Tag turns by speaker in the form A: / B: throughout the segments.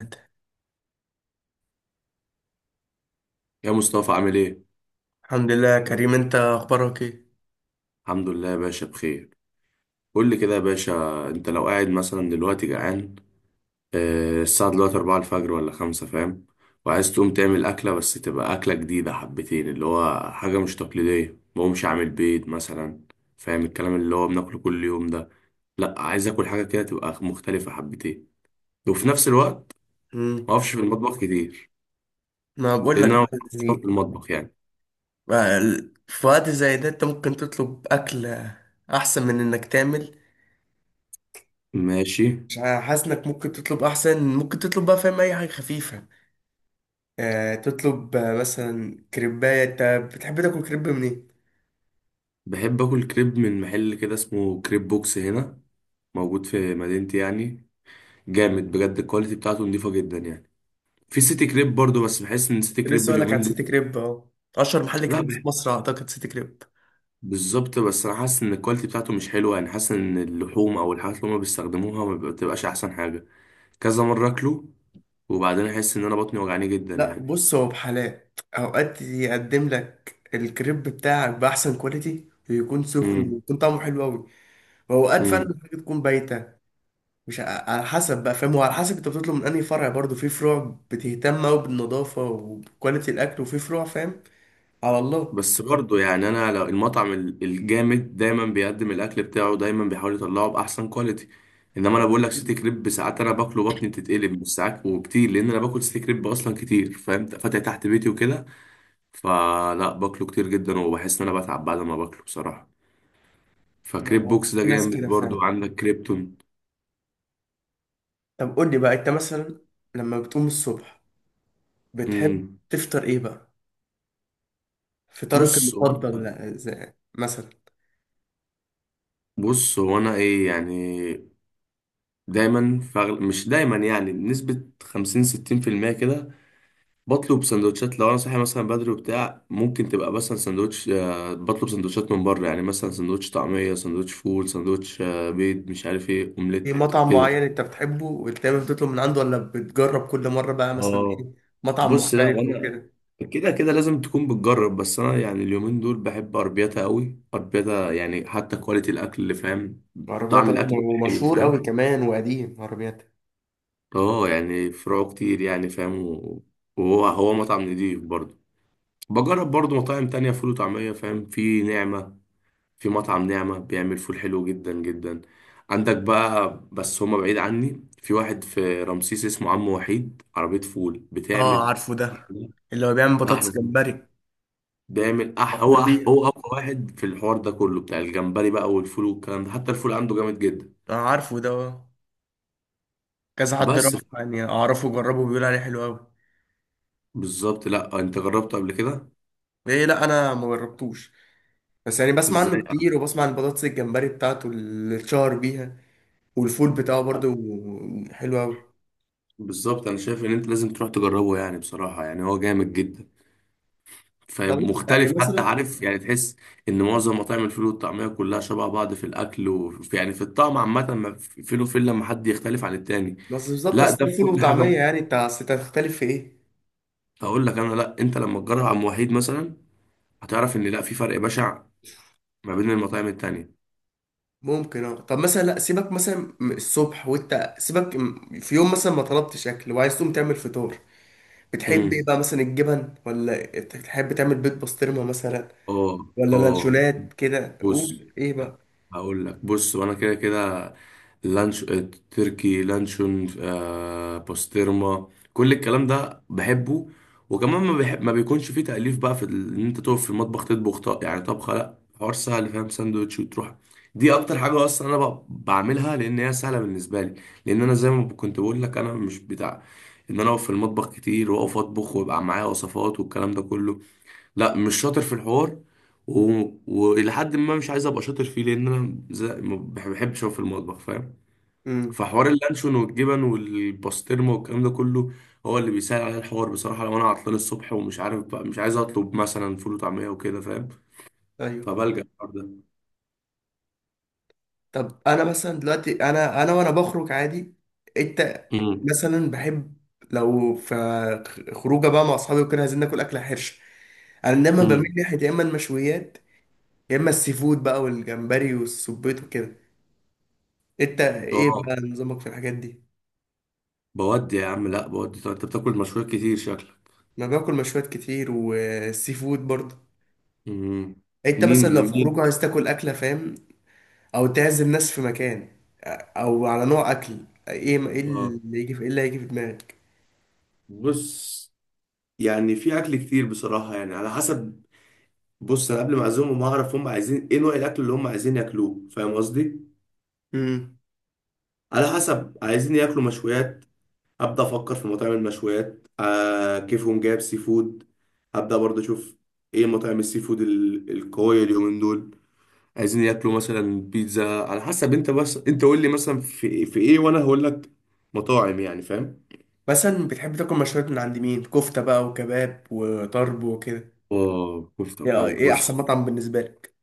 A: انت؟
B: يا مصطفى عامل ايه؟
A: الحمد لله يا كريم، انت اخبارك ايه؟
B: الحمد لله يا باشا بخير. قول لي كده يا باشا، انت لو قاعد مثلا دلوقتي جعان، آه، الساعة دلوقتي أربعة الفجر ولا خمسة، فاهم؟ وعايز تقوم تعمل أكلة بس تبقى أكلة جديدة حبتين، اللي هو حاجة مش تقليدية، مقومش عامل بيض مثلا، فاهم الكلام؟ اللي هو بناكله كل يوم ده. لأ، عايز آكل حاجة كده تبقى مختلفة حبتين، وفي نفس الوقت
A: مم.
B: مقفش في المطبخ كتير،
A: ما بقول لك
B: لأن أنا
A: بقى،
B: مقفش في
A: يعني
B: المطبخ يعني.
A: بقى في وقت زي ده انت ممكن تطلب اكل احسن من انك تعمل.
B: ماشي.
A: مش ع- حاسس انك ممكن تطلب، احسن ممكن تطلب بقى فاهم، اي حاجه خفيفه. آه تطلب، مثلا كريبايه انت بتحب تاكل كريب منين؟
B: بحب آكل كريب من محل كده اسمه كريب بوكس هنا، موجود في مدينتي يعني. جامد بجد، الكواليتي بتاعته نضيفة جدا يعني. في سيتي كريب برضو، بس بحس ان سيتي كريب
A: لسه اقول لك عن
B: اليومين دول،
A: سيتي كريب اهو. اشهر محل
B: لا
A: كريب في
B: بح-
A: مصر اعتقد سيتي كريب.
B: بالظبط، بس انا حاسس ان الكواليتي بتاعته مش حلوه يعني، حاسس ان اللحوم او الحاجات اللي هما بيستخدموها ما بتبقاش احسن حاجه. كذا مره اكله وبعدين احس ان انا بطني وجعاني جدا
A: لا
B: يعني.
A: بص، هو بحالات اوقات يقدم لك الكريب بتاعك باحسن كواليتي، ويكون سخن،
B: امم
A: ويكون طعمه حلو قوي، واوقات فعلا
B: إمم.
A: الحاجه تكون بايته. مش ع- على حسب بقى فاهم، وعلى حسب انت بتطلب من انهي فرع. برضو في فروع بتهتم قوي بالنظافه وبكواليتي الاكل، وفي فروع فاهم. على الله.
B: بس برضه يعني، انا لو المطعم الجامد، دايما بيقدم الاكل بتاعه، دايما بيحاول يطلعه باحسن كواليتي. انما انا بقول لك سيتي كريب ساعات انا باكله بطني بتتقلب، مش ساعات وكتير لان انا باكل سيتي كريب اصلا كتير، فاهم، فاتح تحت بيتي وكده. فلا، باكله كتير جدا وبحس ان انا بتعب بعد ما باكله بصراحه. فكريب بوكس ده
A: في ناس
B: جامد
A: كده فعلا.
B: برضه، عندك كريبتون.
A: طب قول لي بقى انت مثلا لما بتقوم الصبح بتحب
B: امم
A: تفطر ايه بقى؟ فطارك
B: بص هو
A: المفضل
B: انا
A: مثلا
B: بص هو انا ايه يعني، دايما فغل... مش دايما يعني، بنسبه 50 60% كده بطلب سندوتشات. لو انا صاحي مثلا بدري وبتاع، ممكن تبقى مثلا سندوتش، آه، بطلب سندوتشات من بره يعني، مثلا سندوتش طعميه، سندوتش فول، سندوتش، آه، بيض، مش عارف ايه،
A: في
B: اومليت
A: مطعم
B: كده.
A: معين انت بتحبه ودايما بتطلب من عنده، ولا بتجرب كل مره بقى مثلا
B: اه.
A: ايه، مطعم
B: بص، لا
A: مختلف
B: وانا
A: وكده؟
B: كده كده لازم تكون بتجرب، بس انا يعني اليومين دول بحب اربيتا قوي. اربيتا يعني حتى كواليتي الاكل اللي فاهم،
A: عربيات،
B: طعم
A: أيوة،
B: الاكل حلو
A: ومشهور قوي
B: فاهم.
A: كمان وقديم عربيات.
B: اه يعني فروعه كتير يعني فاهم، وهو هو مطعم نضيف برضه. بجرب برضه مطاعم تانية فول وطعمية فاهم، في نعمة، في مطعم نعمة بيعمل فول حلو جدا جدا. عندك بقى، بس هما بعيد عني، في واحد في رمسيس اسمه عم وحيد، عربية فول
A: اه
B: بتعمل
A: عارفه ده، اللي هو بيعمل
B: أحلى
A: بطاطس
B: فول.
A: جمبري.
B: بيعمل أح... هو
A: مشهور
B: أح...
A: بيه.
B: هو أقوى واحد في الحوار ده كله، بتاع الجمبري بقى والفول والكلام ده، حتى الفول عنده جامد جدا.
A: اه عارفه ده آه. كذا حد راح
B: بس ف-
A: يعني اعرفه وجربه، بيقول عليه حلو قوي.
B: بالظبط. لا أنت جربته قبل كده؟
A: ايه؟ لا انا ما جربتوش، بس يعني بسمع
B: إزاي يا
A: عنه
B: عم؟
A: كتير، وبسمع عن البطاطس الجمبري بتاعته اللي اتشهر بيها، والفول بتاعه برضه حلو قوي.
B: بالظبط، أنا شايف إن أنت لازم تروح تجربه يعني بصراحة، يعني هو جامد جدا،
A: طب يعني
B: فمختلف حتى،
A: مثلا،
B: عارف يعني، تحس ان معظم مطاعم الفول والطعميه كلها شبه بعض في الاكل وفي يعني في الطعم عامه، ما في- فين وفين لما حد يختلف عن التاني.
A: بس بالظبط
B: لا
A: اصل
B: ده في
A: ده فول
B: كل
A: وطعميه،
B: حاجه،
A: يعني انت اصل إنت هتختلف في ايه؟
B: اقول لك انا. لا انت لما تجرب عم وحيد مثلا هتعرف ان لا، في فرق بشع ما بين المطاعم التانيه.
A: ممكن اه. طب مثلا لا سيبك مثلا من الصبح، وانت سيبك في يوم مثلا ما طلبتش اكل وعايز تقوم تعمل فطار، بتحب ايه
B: امم
A: بقى؟ مثلا الجبن، ولا تحب تعمل بيض بسطرمه مثلا،
B: اه
A: ولا
B: اه
A: لانشونات كده،
B: بص،
A: قول ايه بقى؟
B: هقول لك. وانا كده كده لانش، آه، تركي، لانشون، آه، بوسترما، كل الكلام ده بحبه. وكمان ما، بحب ما بيكونش فيه تأليف بقى، ان انت تقف في المطبخ تطبخ طق يعني طبخه، لا حوار سهل فاهم، ساندوتش وتروح. دي اكتر حاجه اصلا انا بعملها لان هي سهله بالنسبه لي. لان انا زي ما كنت بقول لك، انا مش بتاع ان انا اقف في المطبخ كتير، واقف اطبخ ويبقى معايا وصفات والكلام ده كله. لا، مش شاطر في الحوار، و... والى حد ما مش عايز ابقى شاطر فيه، لان انا زي... ما بح- بحبش اقف في المطبخ فاهم.
A: امم.
B: فحوار اللانشون والجبن والباسترما والكلام ده كله هو اللي بيسهل عليا الحوار بصراحه، لو انا عطلان الصبح ومش عارف بقى، مش عايز اطلب مثلا فول وطعميه وكده فاهم،
A: ايوه.
B: فبلجأ الحوار ده.
A: طب انا مثلا دلوقتي انا وانا بخرج عادي، انت
B: امم
A: مثلا بحب لو في خروجه بقى مع اصحابي وكده عايزين ناكل اكله حرشه، انا دايما
B: امم
A: بميل ناحيه يا اما المشويات، يا اما السي فود بقى والجمبري والسبيط وكده. انت ايه
B: اه،
A: بقى نظامك في الحاجات دي؟
B: بودي يا عم، لا بودي. طب انت بتاكل مشويات كتير شكلك؟
A: انا باكل مشويات كتير والسي فود برضه.
B: امم.
A: انت
B: منين
A: مثلا لو في خروج
B: منين؟
A: عايز تاكل اكله فاهم، او تعزم ناس في مكان، او على نوع اكل ايه، ايه
B: اه،
A: اللي يجي في، ايه اللي هيجي في دماغك؟
B: بص يعني في اكل كتير بصراحه يعني، على حسب. بص، انا قبل ما اعزمهم اعرف هم عايزين ايه، نوع الاكل اللي هم عايزين ياكلوه فاهم قصدي.
A: امم.
B: على حسب، عايزين ياكلوا مشويات، ابدا افكر في مطاعم المشويات. آه، كيفهم جايب سي فود، ابدا برضه اشوف ايه مطاعم السي فود القويه اليومين دول. عايزين ياكلوا مثلا بيتزا، على حسب انت، بس انت قول لي مثلا في في ايه، وانا هقول لك مطاعم يعني فاهم.
A: مثلا بتحب تاكل مشويات من عند مين؟ كفته بقى وكباب وطرب وكده،
B: اه كفته
A: ايه
B: وكباب.
A: ايه احسن
B: بص
A: مطعم بالنسبه لك؟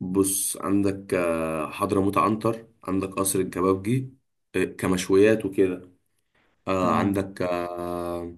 B: بص، عندك آه، حضرموت عنتر، عندك قصر الكبابجي، آه، كمشويات وكده. آه
A: امم.
B: عندك آه،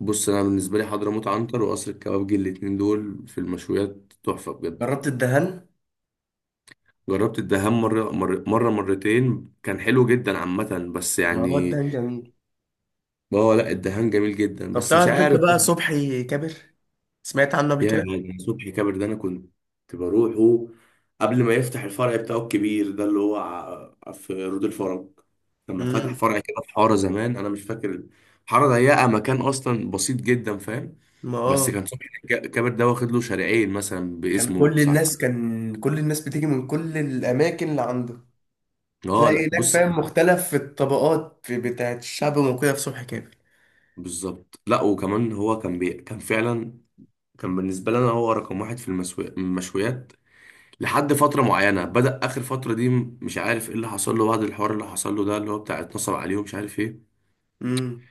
B: بص، انا بالنسبه لي حضرموت عنتر وقصر الكبابجي، الاتنين دول في المشويات تحفه بجد.
A: جربت الدهن؟
B: جربت الدهان مرة مرتين، كان حلو جدا عامه، بس
A: ما هو
B: يعني،
A: الدهن جميل.
B: هو لا، الدهان جميل جدا
A: طب
B: بس مش
A: تعرف انت
B: عارف.
A: بقى صبحي كابر؟ سمعت عنه قبل
B: يا
A: كده؟
B: يعني صبحي كابر ده، انا كنت بروحه قبل ما يفتح الفرع بتاعه الكبير ده اللي هو في رود الفرج. لما فتح
A: امم.
B: فرع كده في حاره زمان، انا مش فاكر، حاره ضيقه، مكان اصلا بسيط جدا فاهم.
A: ما
B: بس
A: اه،
B: كان صبحي الجابر ده واخد له شارعين مثلا
A: كان
B: باسمه
A: كل الناس،
B: بساعتين.
A: كان كل الناس بتيجي من كل الاماكن اللي عنده.
B: اه
A: تلاقي
B: لا
A: هناك
B: بص،
A: فاهم مختلف في الطبقات، في بتاعت الشعب وكده، في صبح كامل.
B: بالظبط. لا، وكمان هو كان بي... كان فعلا، كان بالنسبه لنا هو رقم واحد في المسو... المشويات لحد فتره معينه. بدأ اخر فتره دي، مش عارف ايه اللي حصل له بعد الحوار اللي حصل له ده، اللي هو بتاع اتنصب عليه ومش عارف ايه،
A: امم.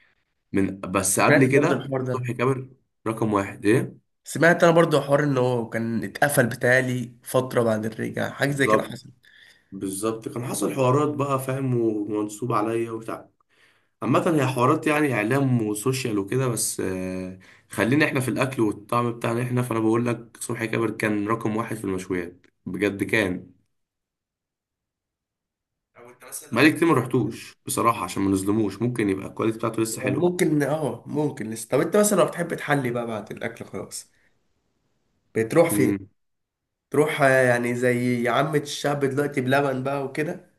B: من بس قبل
A: سمعت برضه
B: كده.
A: الحوار ده أنا.
B: صبحي جابر رقم واحد ايه.
A: سمعت انا برضه حوار ان هو كان اتقفل بتالي فتره، بعد الرجعه حاجه زي كده
B: بالظبط،
A: حصل.
B: بالظبط. كان حصل حوارات بقى فاهم، ومنصوب عليا وبتاع، عامة هي حوارات يعني إعلام وسوشيال وكده، بس آه، خلينا إحنا في الأكل والطعم بتاعنا إحنا. فأنا بقول لك صبحي كابر كان رقم واحد في المشويات بجد كان.
A: أو أنت مثلا لو
B: بقالي
A: بت-
B: كتير ما رحتوش بصراحة عشان ما نظلموش، ممكن يبقى الكواليتي بتاعته لسه
A: آه،
B: حلوة.
A: ممكن اه، ممكن لسه. طب انت مثلا لو بتحب تحلي بقى بعد الاكل خلاص، بتروح فين؟
B: امم.
A: تروح، آه، يعني زي عامة الشعب دلوقتي بلبن بقى وكده،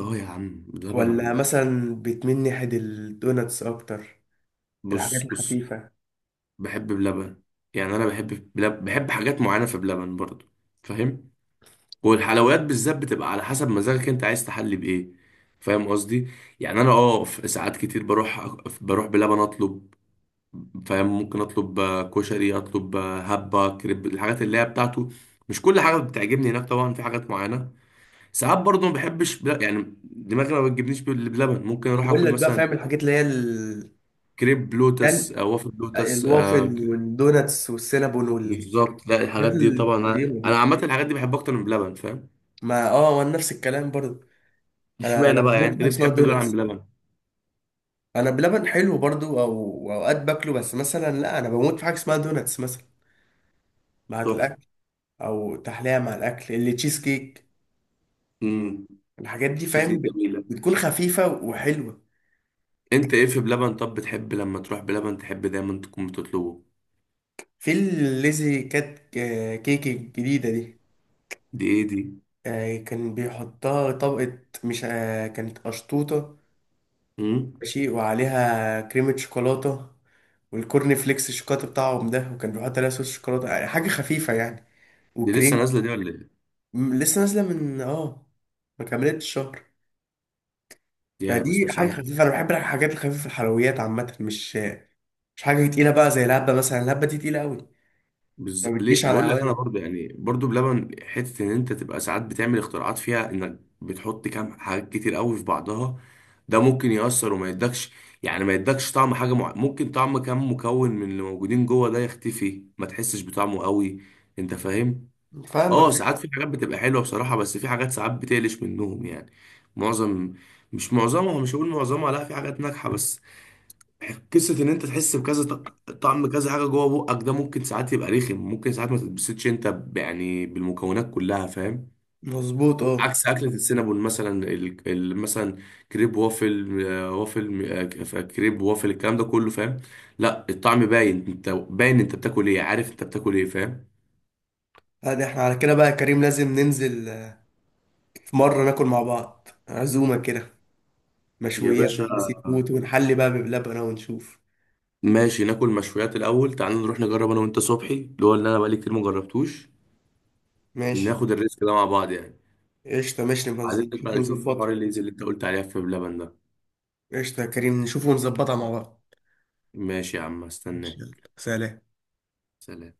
B: أه يا عم،
A: ولا
B: بلبن.
A: مثلا بتميل ناحية الدوناتس اكتر، الحاجات
B: بص بص،
A: الخفيفة؟
B: بحب بلبن. يعني أنا بحب بلب... بحب حاجات معينة في بلبن برضه فاهم. والحلويات بالذات بتبقى على حسب مزاجك أنت عايز تحلي بإيه، فاهم قصدي. يعني أنا أه، في ساعات كتير بروح، بروح بلبن أطلب، فاهم، ممكن اطلب آه، كشري، اطلب آه، هبه، كريب، الحاجات اللي هي بتاعته. مش كل حاجه بتعجبني هناك طبعا، في حاجات معينه ساعات برضه ما بحبش بل... يعني دماغي ما بتجيبنيش بلبن، ممكن اروح
A: بقول
B: اكل
A: لك بقى
B: مثلا
A: فاهم الحاجات اللي هي
B: كريب لوتس،
A: يعني
B: آه، وافل لوتس، آه،
A: الوافل والدوناتس والسينابون والحاجات
B: بالظبط. لا الحاجات دي طبعا انا،
A: الطيبة
B: أنا
A: دي.
B: عامه الحاجات دي بحبها اكتر من بلبن فاهم.
A: ما اه، وانا نفس الكلام برضو. انا
B: اشمعنى بقى يعني،
A: بموت في
B: انت
A: حاجة
B: ليه
A: اسمها
B: بتحب دول عن
A: دوناتس.
B: بلبن؟
A: انا بلبن حلو برضو، او اوقات باكله، بس مثلا لا انا بموت في حاجة اسمها دوناتس مثلا مع
B: تحفه.
A: الاكل، او تحلية مع الاكل اللي تشيز كيك،
B: امم.
A: الحاجات دي
B: تشيز
A: فاهم
B: كيك جميله.
A: بتكون خفيفة وحلوة.
B: انت ايه في بلبن؟ طب بتحب لما تروح بلبن تحب دايما تكون بتطلبه؟
A: في الليزي كات، كيك الجديدة دي،
B: دي ايه؟
A: كان بيحطها طبقة مش، كانت قشطوطة
B: دي
A: ماشي، وعليها كريمة شوكولاتة والكورن فليكس الشوكولاتة بتاعهم ده، وكان بيحط عليها صوص شوكولاتة، يعني حاجة خفيفة يعني
B: دي لسه
A: وكريمة.
B: نازله، دي ولا ايه؟
A: لسه نازلة من اه، ما كملتش شهر.
B: يا ما
A: فدي
B: سمعتش
A: حاجة
B: عنها.
A: خفيفة. أنا بحب الحاجات الخفيفة، الحلويات عامة مش، مش حاجة تقيلة بقى زي الهبة مثلا، الهبة دي تقيلة أوي، ما
B: بز...
A: بتجيش
B: ليه
A: على
B: بقول لك، انا
A: هواية.
B: برضو يعني برضو بلبن حته ان انت تبقى ساعات بتعمل اختراعات فيها، انك بتحط كام حاجات كتير قوي في بعضها، ده ممكن يأثر وما يدكش، يعني ما يدكش طعم حاجه مع... ممكن طعم كام مكون من اللي موجودين جوه ده يختفي، ما تحسش بطعمه قوي، انت فاهم. اه
A: فاهمك.
B: ساعات في حاجات بتبقى حلوه بصراحه، بس في حاجات ساعات بتقلش منهم يعني. معظم، مش معظمها، مش هقول معظمها، لا في حاجات ناجحه، بس قصة إن أنت تحس بكذا طعم كذا حاجة جوه بقك، ده ممكن ساعات يبقى رخم، ممكن ساعات ما تتبسطش أنت يعني بالمكونات كلها فاهم.
A: مظبوط اه.
B: عكس أكلة السينابون مثلا، مثلا كريب وافل، آه، وافل، آه، كريب وافل، الكلام ده كله فاهم، لا الطعم باين، أنت باين أنت بتاكل إيه، عارف أنت بتاكل إيه فاهم.
A: هذا احنا على كده بقى يا كريم، لازم ننزل، آه، في مرة ناكل مع بعض عزومة كده،
B: يا
A: مشويات
B: باشا
A: بقى، سي فود، ونحلي بقى بلبن ونشوف.
B: ماشي، ناكل مشويات الأول، تعال نروح نجرب أنا وأنت صبحي، اللي هو اللي أنا بقالي كتير ما جربتوش،
A: ماشي.
B: ناخد الريسك ده مع بعض يعني.
A: قشطة ماشي، نبقى
B: بعدين
A: نشوف
B: نطلع نشوف في حوار
A: ونظبطها.
B: الليز اللي أنت قلت عليها في بلبن ده.
A: قشطة يا كريم، نشوف ونظبطها مع بعض.
B: ماشي يا عم، استناه.
A: ماشي، يلا سلام.
B: سلام.